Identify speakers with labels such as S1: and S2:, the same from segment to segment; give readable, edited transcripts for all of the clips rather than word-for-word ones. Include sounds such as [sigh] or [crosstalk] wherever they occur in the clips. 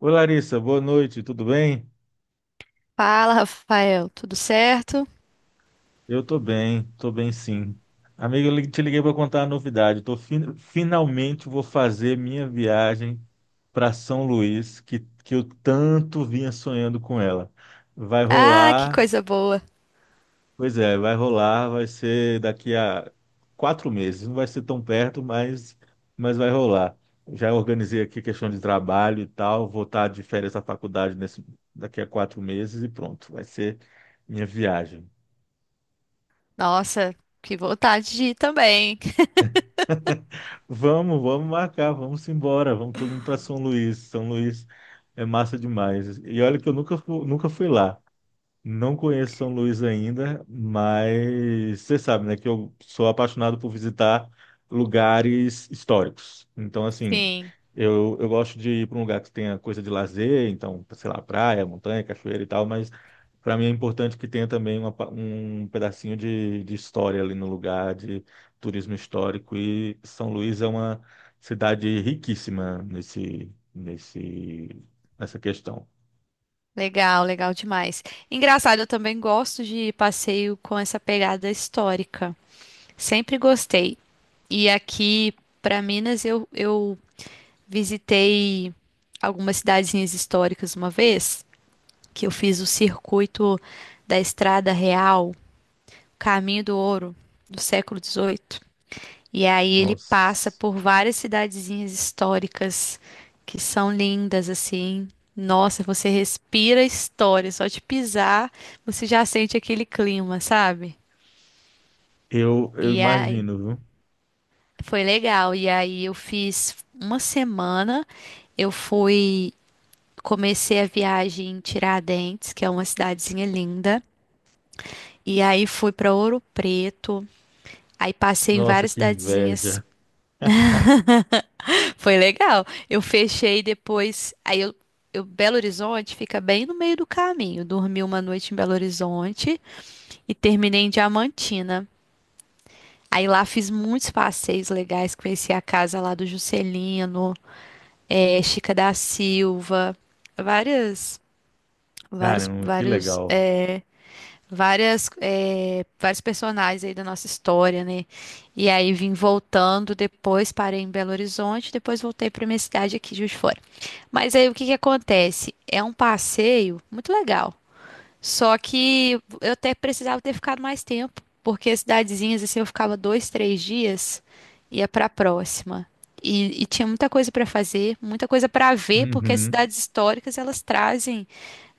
S1: Oi, Larissa, boa noite, tudo bem?
S2: Fala, Rafael, tudo certo?
S1: Eu tô bem sim. Amigo, te liguei para contar a novidade. Tô finalmente vou fazer minha viagem para São Luís, que eu tanto vinha sonhando com ela. Vai
S2: Ah, que
S1: rolar,
S2: coisa boa.
S1: pois é, vai rolar, vai ser daqui a 4 meses. Não vai ser tão perto, mas vai rolar. Já organizei aqui questão de trabalho e tal, vou estar de férias da faculdade daqui a 4 meses e pronto, vai ser minha viagem.
S2: Nossa, que vontade de ir também.
S1: Vamos marcar, vamos embora, vamos todo mundo para São Luís. São Luís é massa demais. E olha que eu nunca, nunca fui lá. Não conheço São Luís ainda, mas você sabe, né, que eu sou apaixonado por visitar lugares históricos. Então, assim,
S2: Sim,
S1: eu gosto de ir para um lugar que tenha coisa de lazer, então, sei lá, praia, montanha, cachoeira e tal, mas para mim é importante que tenha também um pedacinho de história ali no lugar, de turismo histórico. E São Luís é uma cidade riquíssima nessa questão.
S2: legal, legal demais. Engraçado, eu também gosto de passeio com essa pegada histórica. Sempre gostei. E aqui para Minas eu visitei algumas cidadezinhas históricas uma vez, que eu fiz o circuito da Estrada Real, Caminho do Ouro, do século XVIII. E aí ele passa
S1: Nossa.
S2: por várias cidadezinhas históricas que são lindas assim. Nossa, você respira história, só de pisar você já sente aquele clima, sabe?
S1: Eu
S2: E aí
S1: imagino, viu?
S2: foi legal. E aí eu fiz uma semana, eu fui comecei a viagem em Tiradentes, que é uma cidadezinha linda, e aí fui para Ouro Preto. Aí passei em
S1: Nossa,
S2: várias
S1: que
S2: cidadezinhas.
S1: inveja.
S2: Foi legal. Eu fechei depois. Belo Horizonte fica bem no meio do caminho. Dormi uma noite em Belo Horizonte e terminei em Diamantina. Aí lá fiz muitos passeios legais, conheci a casa lá do Juscelino, Chica da Silva, várias, vários,
S1: Caramba, que
S2: vários,
S1: legal.
S2: eh, várias, eh, vários personagens aí da nossa história, né? E aí vim voltando depois, parei em Belo Horizonte, depois voltei para minha cidade aqui, de Juiz de Fora. Mas aí o que que acontece? É um passeio muito legal, só que eu até precisava ter ficado mais tempo, porque as cidadezinhas, assim, eu ficava dois, três dias, ia para a próxima. E tinha muita coisa para fazer, muita coisa para ver, porque as
S1: Uhum.
S2: cidades históricas elas trazem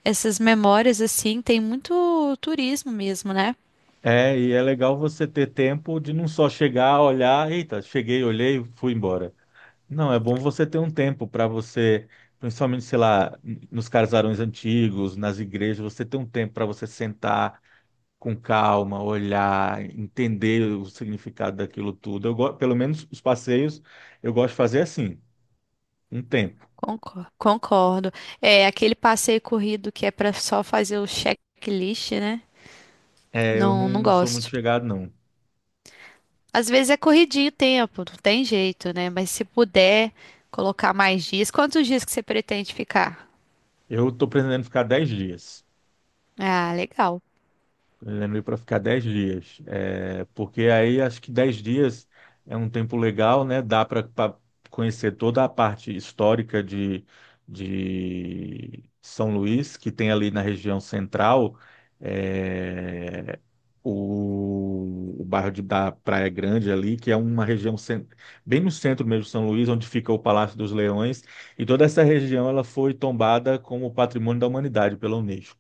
S2: essas memórias, assim, tem muito turismo mesmo, né?
S1: É, e é legal você ter tempo de não só chegar, olhar, eita, cheguei, olhei, fui embora. Não, é bom você ter um tempo para você, principalmente, sei lá, nos casarões antigos, nas igrejas, você ter um tempo para você sentar com calma, olhar, entender o significado daquilo tudo. Eu, pelo menos os passeios, eu gosto de fazer assim, um tempo.
S2: Concordo. É aquele passeio corrido que é pra só fazer o checklist, né?
S1: É, eu
S2: Não, não
S1: não sou muito
S2: gosto.
S1: chegado, não.
S2: Às vezes é corridinho o tempo, não tem jeito, né? Mas se puder colocar mais dias, quantos dias que você pretende ficar?
S1: Eu estou pretendendo ficar 10 dias.
S2: Ah, legal.
S1: Pretendendo ir para ficar 10 dias. É, porque aí acho que 10 dias é um tempo legal, né? Dá para conhecer toda a parte histórica de São Luís, que tem ali na região central, é, o bairro da Praia Grande ali, que é uma região bem no centro mesmo de São Luís, onde fica o Palácio dos Leões. E toda essa região ela foi tombada como patrimônio da humanidade pela Unesco.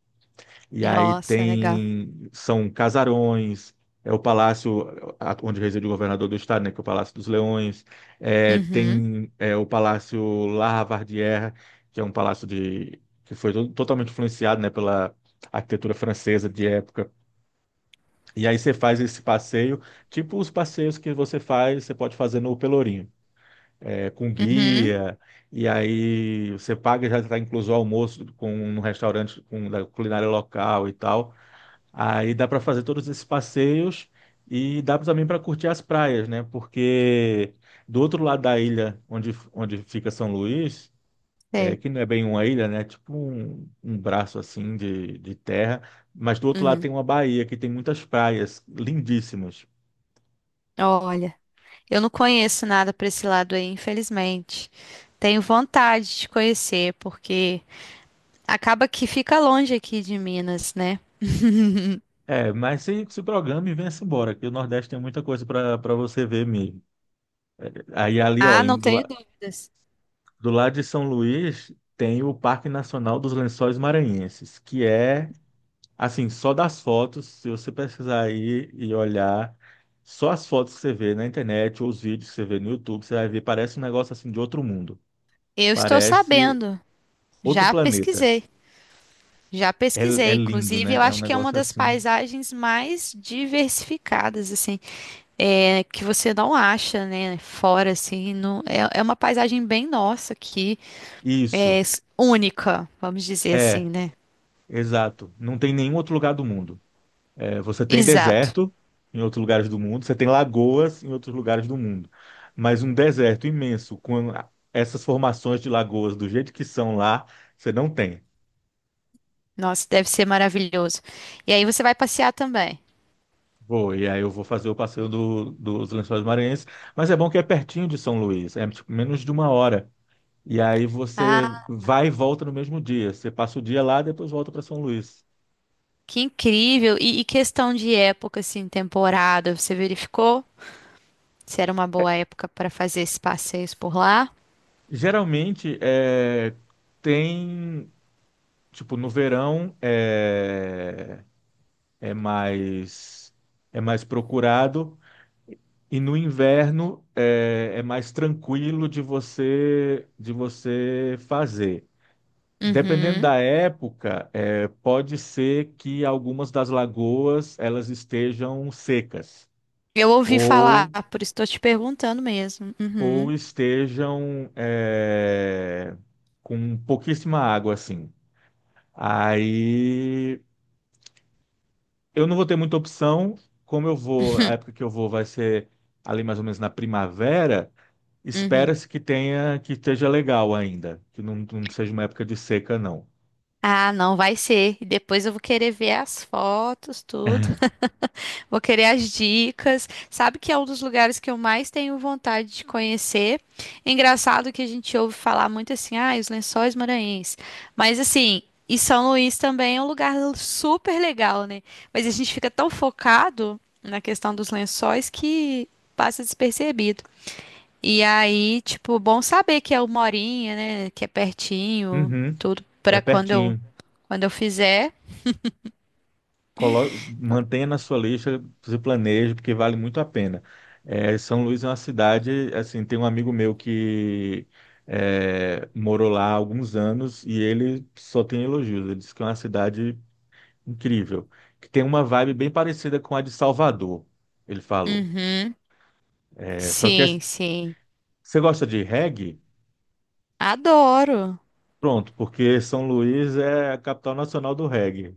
S1: E aí
S2: Nossa, legal.
S1: tem, são casarões, é o palácio onde reside o governador do estado, né, que é o Palácio dos Leões, é,
S2: Uhum,
S1: tem é, o Palácio La Lavardière, que é um palácio de, que foi totalmente influenciado, né, pela arquitetura francesa de época. E aí você faz esse passeio, tipo os passeios que você faz, você pode fazer no Pelourinho, é, com
S2: uhum,
S1: guia, e aí você paga, já está incluso o almoço com, no restaurante com, da culinária local e tal. Aí dá para fazer todos esses passeios e dá também para curtir as praias, né? Porque do outro lado da ilha, onde, onde fica São Luís, é,
S2: é.
S1: que não é bem uma ilha, né? É tipo um braço assim de terra, mas do outro lado
S2: Uhum.
S1: tem uma baía que tem muitas praias lindíssimas.
S2: Olha, eu não conheço nada para esse lado aí, infelizmente. Tenho vontade de conhecer, porque acaba que fica longe aqui de Minas, né? [laughs]
S1: É, mas se programa e venha-se embora, que o Nordeste tem muita coisa para você ver mesmo. Aí ali, ó,
S2: Ah, não tenho dúvidas.
S1: do lado de São Luís, tem o Parque Nacional dos Lençóis Maranhenses, que é assim, só das fotos, se você pesquisar aí e olhar, só as fotos que você vê na internet ou os vídeos que você vê no YouTube, você vai ver, parece um negócio assim de outro mundo.
S2: Eu estou
S1: Parece
S2: sabendo.
S1: outro
S2: Já
S1: planeta.
S2: pesquisei. Já
S1: É, é
S2: pesquisei.
S1: lindo,
S2: Inclusive, eu
S1: né? É um
S2: acho que é uma
S1: negócio
S2: das
S1: assim.
S2: paisagens mais diversificadas, assim, é, que você não acha, né? Fora, assim, é, é uma paisagem bem nossa aqui, é
S1: Isso,
S2: única, vamos dizer assim,
S1: é,
S2: né?
S1: exato. Não tem nenhum outro lugar do mundo. É, você tem
S2: Exato.
S1: deserto em outros lugares do mundo, você tem lagoas em outros lugares do mundo. Mas um deserto imenso, com essas formações de lagoas do jeito que são lá, você não tem.
S2: Nossa, deve ser maravilhoso. E aí você vai passear também.
S1: Vou, e aí eu vou fazer o passeio dos Lençóis Maranhenses, mas é bom que é pertinho de São Luís, é tipo, menos de uma hora. E aí você
S2: Ah,
S1: vai e volta no mesmo dia. Você passa o dia lá, depois volta para São Luís.
S2: que incrível! E questão de época, assim, temporada, você verificou se era uma boa época para fazer esses passeios por lá?
S1: Geralmente é, tem, tipo, no verão é mais é mais procurado e no inverno é mais tranquilo de você fazer. Dependendo
S2: Uhum.
S1: da época, pode ser que algumas das lagoas elas estejam secas
S2: Eu ouvi falar,
S1: ou,
S2: por isso estou te perguntando mesmo.
S1: ou
S2: Uhum.
S1: estejam com pouquíssima água, assim. Aí eu não vou ter muita opção, como eu vou, a época
S2: [laughs]
S1: que eu vou vai ser ali mais ou menos na primavera.
S2: Uhum.
S1: Espera-se que tenha, que esteja legal ainda, que não, não seja uma época de seca, não.
S2: Ah, não vai ser. E depois eu vou querer ver as fotos, tudo. Vou querer as dicas. Sabe que é um dos lugares que eu mais tenho vontade de conhecer. Engraçado que a gente ouve falar muito assim, ah, os Lençóis Maranhenses. Mas assim, e São Luís também é um lugar super legal, né? Mas a gente fica tão focado na questão dos lençóis que passa despercebido. E aí, tipo, bom saber que é uma horinha, né? Que é pertinho,
S1: Uhum,
S2: tudo
S1: é
S2: para
S1: pertinho.
S2: quando eu fizer.
S1: Mantenha na sua lista, se planeje, porque vale muito a pena. É, São Luís é uma cidade, assim, tem um amigo meu que morou lá há alguns anos e ele só tem elogios. Ele disse que é uma cidade incrível, que tem uma vibe bem parecida com a de Salvador, ele falou.
S2: Uhum.
S1: É, só que
S2: Sim, sim.
S1: você gosta de reggae?
S2: Adoro.
S1: Pronto, porque São Luís é a capital nacional do reggae.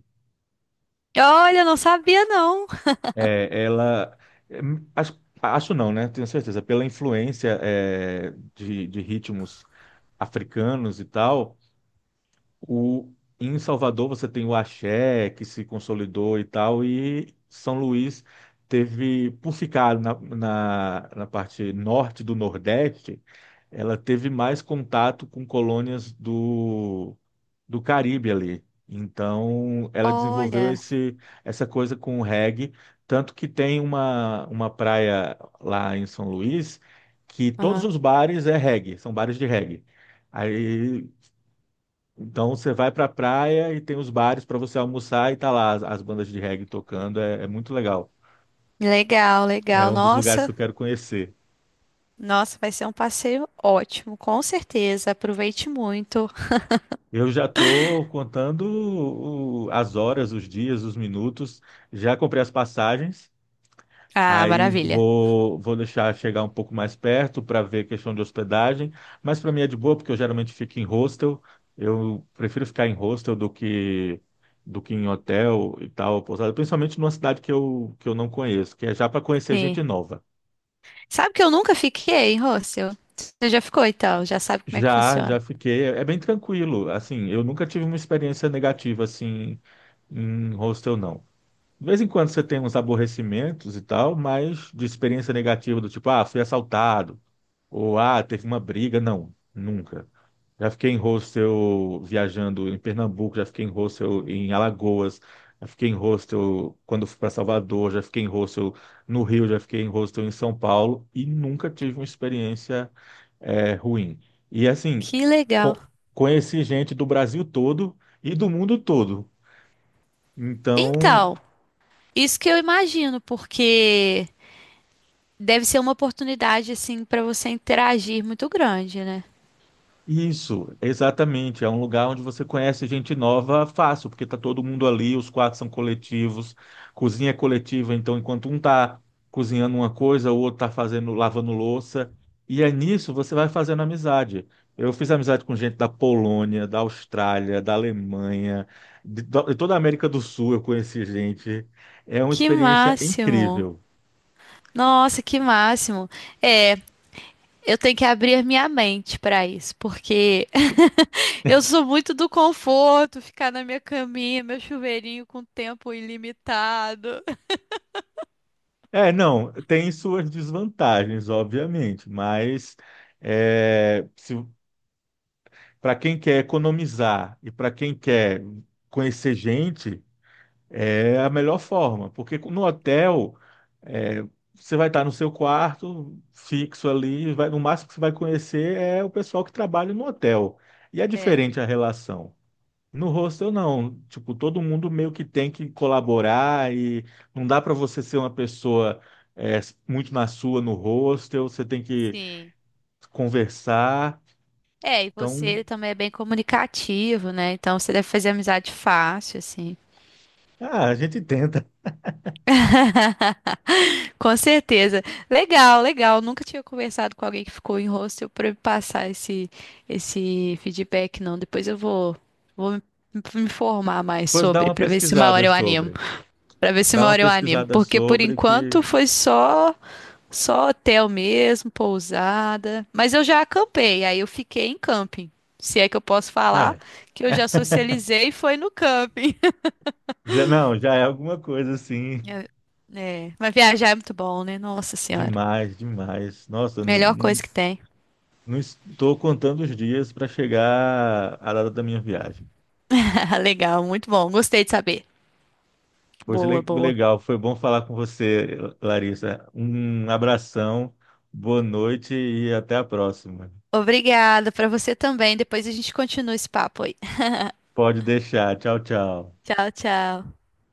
S2: Olha, não sabia não.
S1: É, ela. É, acho, acho não, né? Tenho certeza. Pela influência, é, de ritmos africanos e tal, o, em Salvador você tem o axé, que se consolidou e tal, e São Luís teve, por ficar na, parte norte do Nordeste, ela teve mais contato com colônias do Caribe ali. Então, ela desenvolveu
S2: Olha,
S1: essa coisa com o reggae, tanto que tem uma praia lá em São Luís que todos
S2: aham.
S1: os bares é reggae, são bares de reggae. Aí, então você vai para a praia e tem os bares para você almoçar e tá lá as bandas de reggae tocando, é muito legal.
S2: Legal,
S1: É
S2: legal.
S1: um dos lugares que
S2: Nossa,
S1: eu quero conhecer.
S2: nossa, vai ser um passeio ótimo, com certeza. Aproveite muito.
S1: Eu já estou contando as horas, os dias, os minutos. Já comprei as passagens.
S2: Ah,
S1: Aí
S2: maravilha.
S1: vou deixar chegar um pouco mais perto para ver questão de hospedagem, mas para mim é de boa porque eu geralmente fico em hostel. Eu prefiro ficar em hostel do que em hotel e tal, pousada, principalmente numa cidade que que eu não conheço, que é já para conhecer
S2: Sim.
S1: gente nova.
S2: Sabe que eu nunca fiquei, Rôssio? Você já ficou, então? Já sabe como é que
S1: Já,
S2: funciona.
S1: já fiquei, é bem tranquilo. Assim, eu nunca tive uma experiência negativa assim em hostel, não. De vez em quando você tem uns aborrecimentos e tal, mas de experiência negativa do tipo, ah, fui assaltado. Ou, ah, teve uma briga. Não, nunca. Já fiquei em hostel viajando em Pernambuco, já fiquei em hostel em Alagoas, já fiquei em hostel quando fui para Salvador, já fiquei em hostel no Rio, já fiquei em hostel em São Paulo e nunca tive uma experiência ruim. E assim,
S2: Que
S1: co-
S2: legal.
S1: conheci gente do Brasil todo e do mundo todo. Então,
S2: Então, isso que eu imagino, porque deve ser uma oportunidade, assim, para você interagir muito grande, né?
S1: isso, exatamente. É um lugar onde você conhece gente nova fácil, porque tá todo mundo ali, os quartos são coletivos, cozinha é coletiva, então enquanto um tá cozinhando uma coisa, o outro tá fazendo, lavando louça, e é nisso você vai fazendo amizade. Eu fiz amizade com gente da Polônia, da Austrália, da Alemanha, de toda a América do Sul eu conheci gente. É uma
S2: Que
S1: experiência
S2: máximo.
S1: incrível.
S2: Nossa, que máximo. É. Eu tenho que abrir minha mente para isso, porque [laughs] eu sou muito do conforto, ficar na minha caminha, meu chuveirinho com tempo ilimitado.
S1: É, não, tem suas desvantagens, obviamente, mas é, se, para quem quer economizar e para quem quer conhecer gente, é a melhor forma, porque no hotel é, você vai estar no seu quarto fixo ali, no máximo que você vai conhecer é o pessoal que trabalha no hotel. E é
S2: É,
S1: diferente a relação. No hostel, não. Tipo, todo mundo meio que tem que colaborar e não dá para você ser uma pessoa é, muito na sua no hostel, você tem que
S2: sim.
S1: conversar.
S2: É, e você
S1: Então,
S2: ele também é bem comunicativo, né? Então você deve fazer amizade fácil, assim.
S1: ah, a gente [laughs] tenta.
S2: [laughs] Com certeza. Legal, legal. Nunca tinha conversado com alguém que ficou em hostel para me passar esse feedback, não. Depois eu vou, vou me informar mais
S1: Pois dá
S2: sobre,
S1: uma
S2: para ver se uma hora
S1: pesquisada
S2: eu animo.
S1: sobre.
S2: Pra ver se uma
S1: Dá uma
S2: hora eu animo.
S1: pesquisada
S2: Porque por
S1: sobre que.
S2: enquanto foi só hotel mesmo, pousada. Mas eu já acampei, aí eu fiquei em camping. Se é que eu posso falar
S1: É.
S2: que eu
S1: [laughs]
S2: já
S1: É.
S2: socializei foi no camping.
S1: Já, não, já é alguma coisa assim.
S2: [laughs] É, é, mas viajar é muito bom, né? Nossa Senhora.
S1: Demais, demais. Nossa,
S2: Melhor
S1: não,
S2: coisa que tem.
S1: não estou contando os dias para chegar à data da minha viagem.
S2: [laughs] Legal, muito bom. Gostei de saber.
S1: Pois
S2: Boa, boa.
S1: legal, foi bom falar com você, Larissa. Um abração, boa noite e até a próxima.
S2: Obrigada pra você também. Depois a gente continua esse papo aí.
S1: Pode deixar. Tchau, tchau.
S2: [laughs] Tchau, tchau.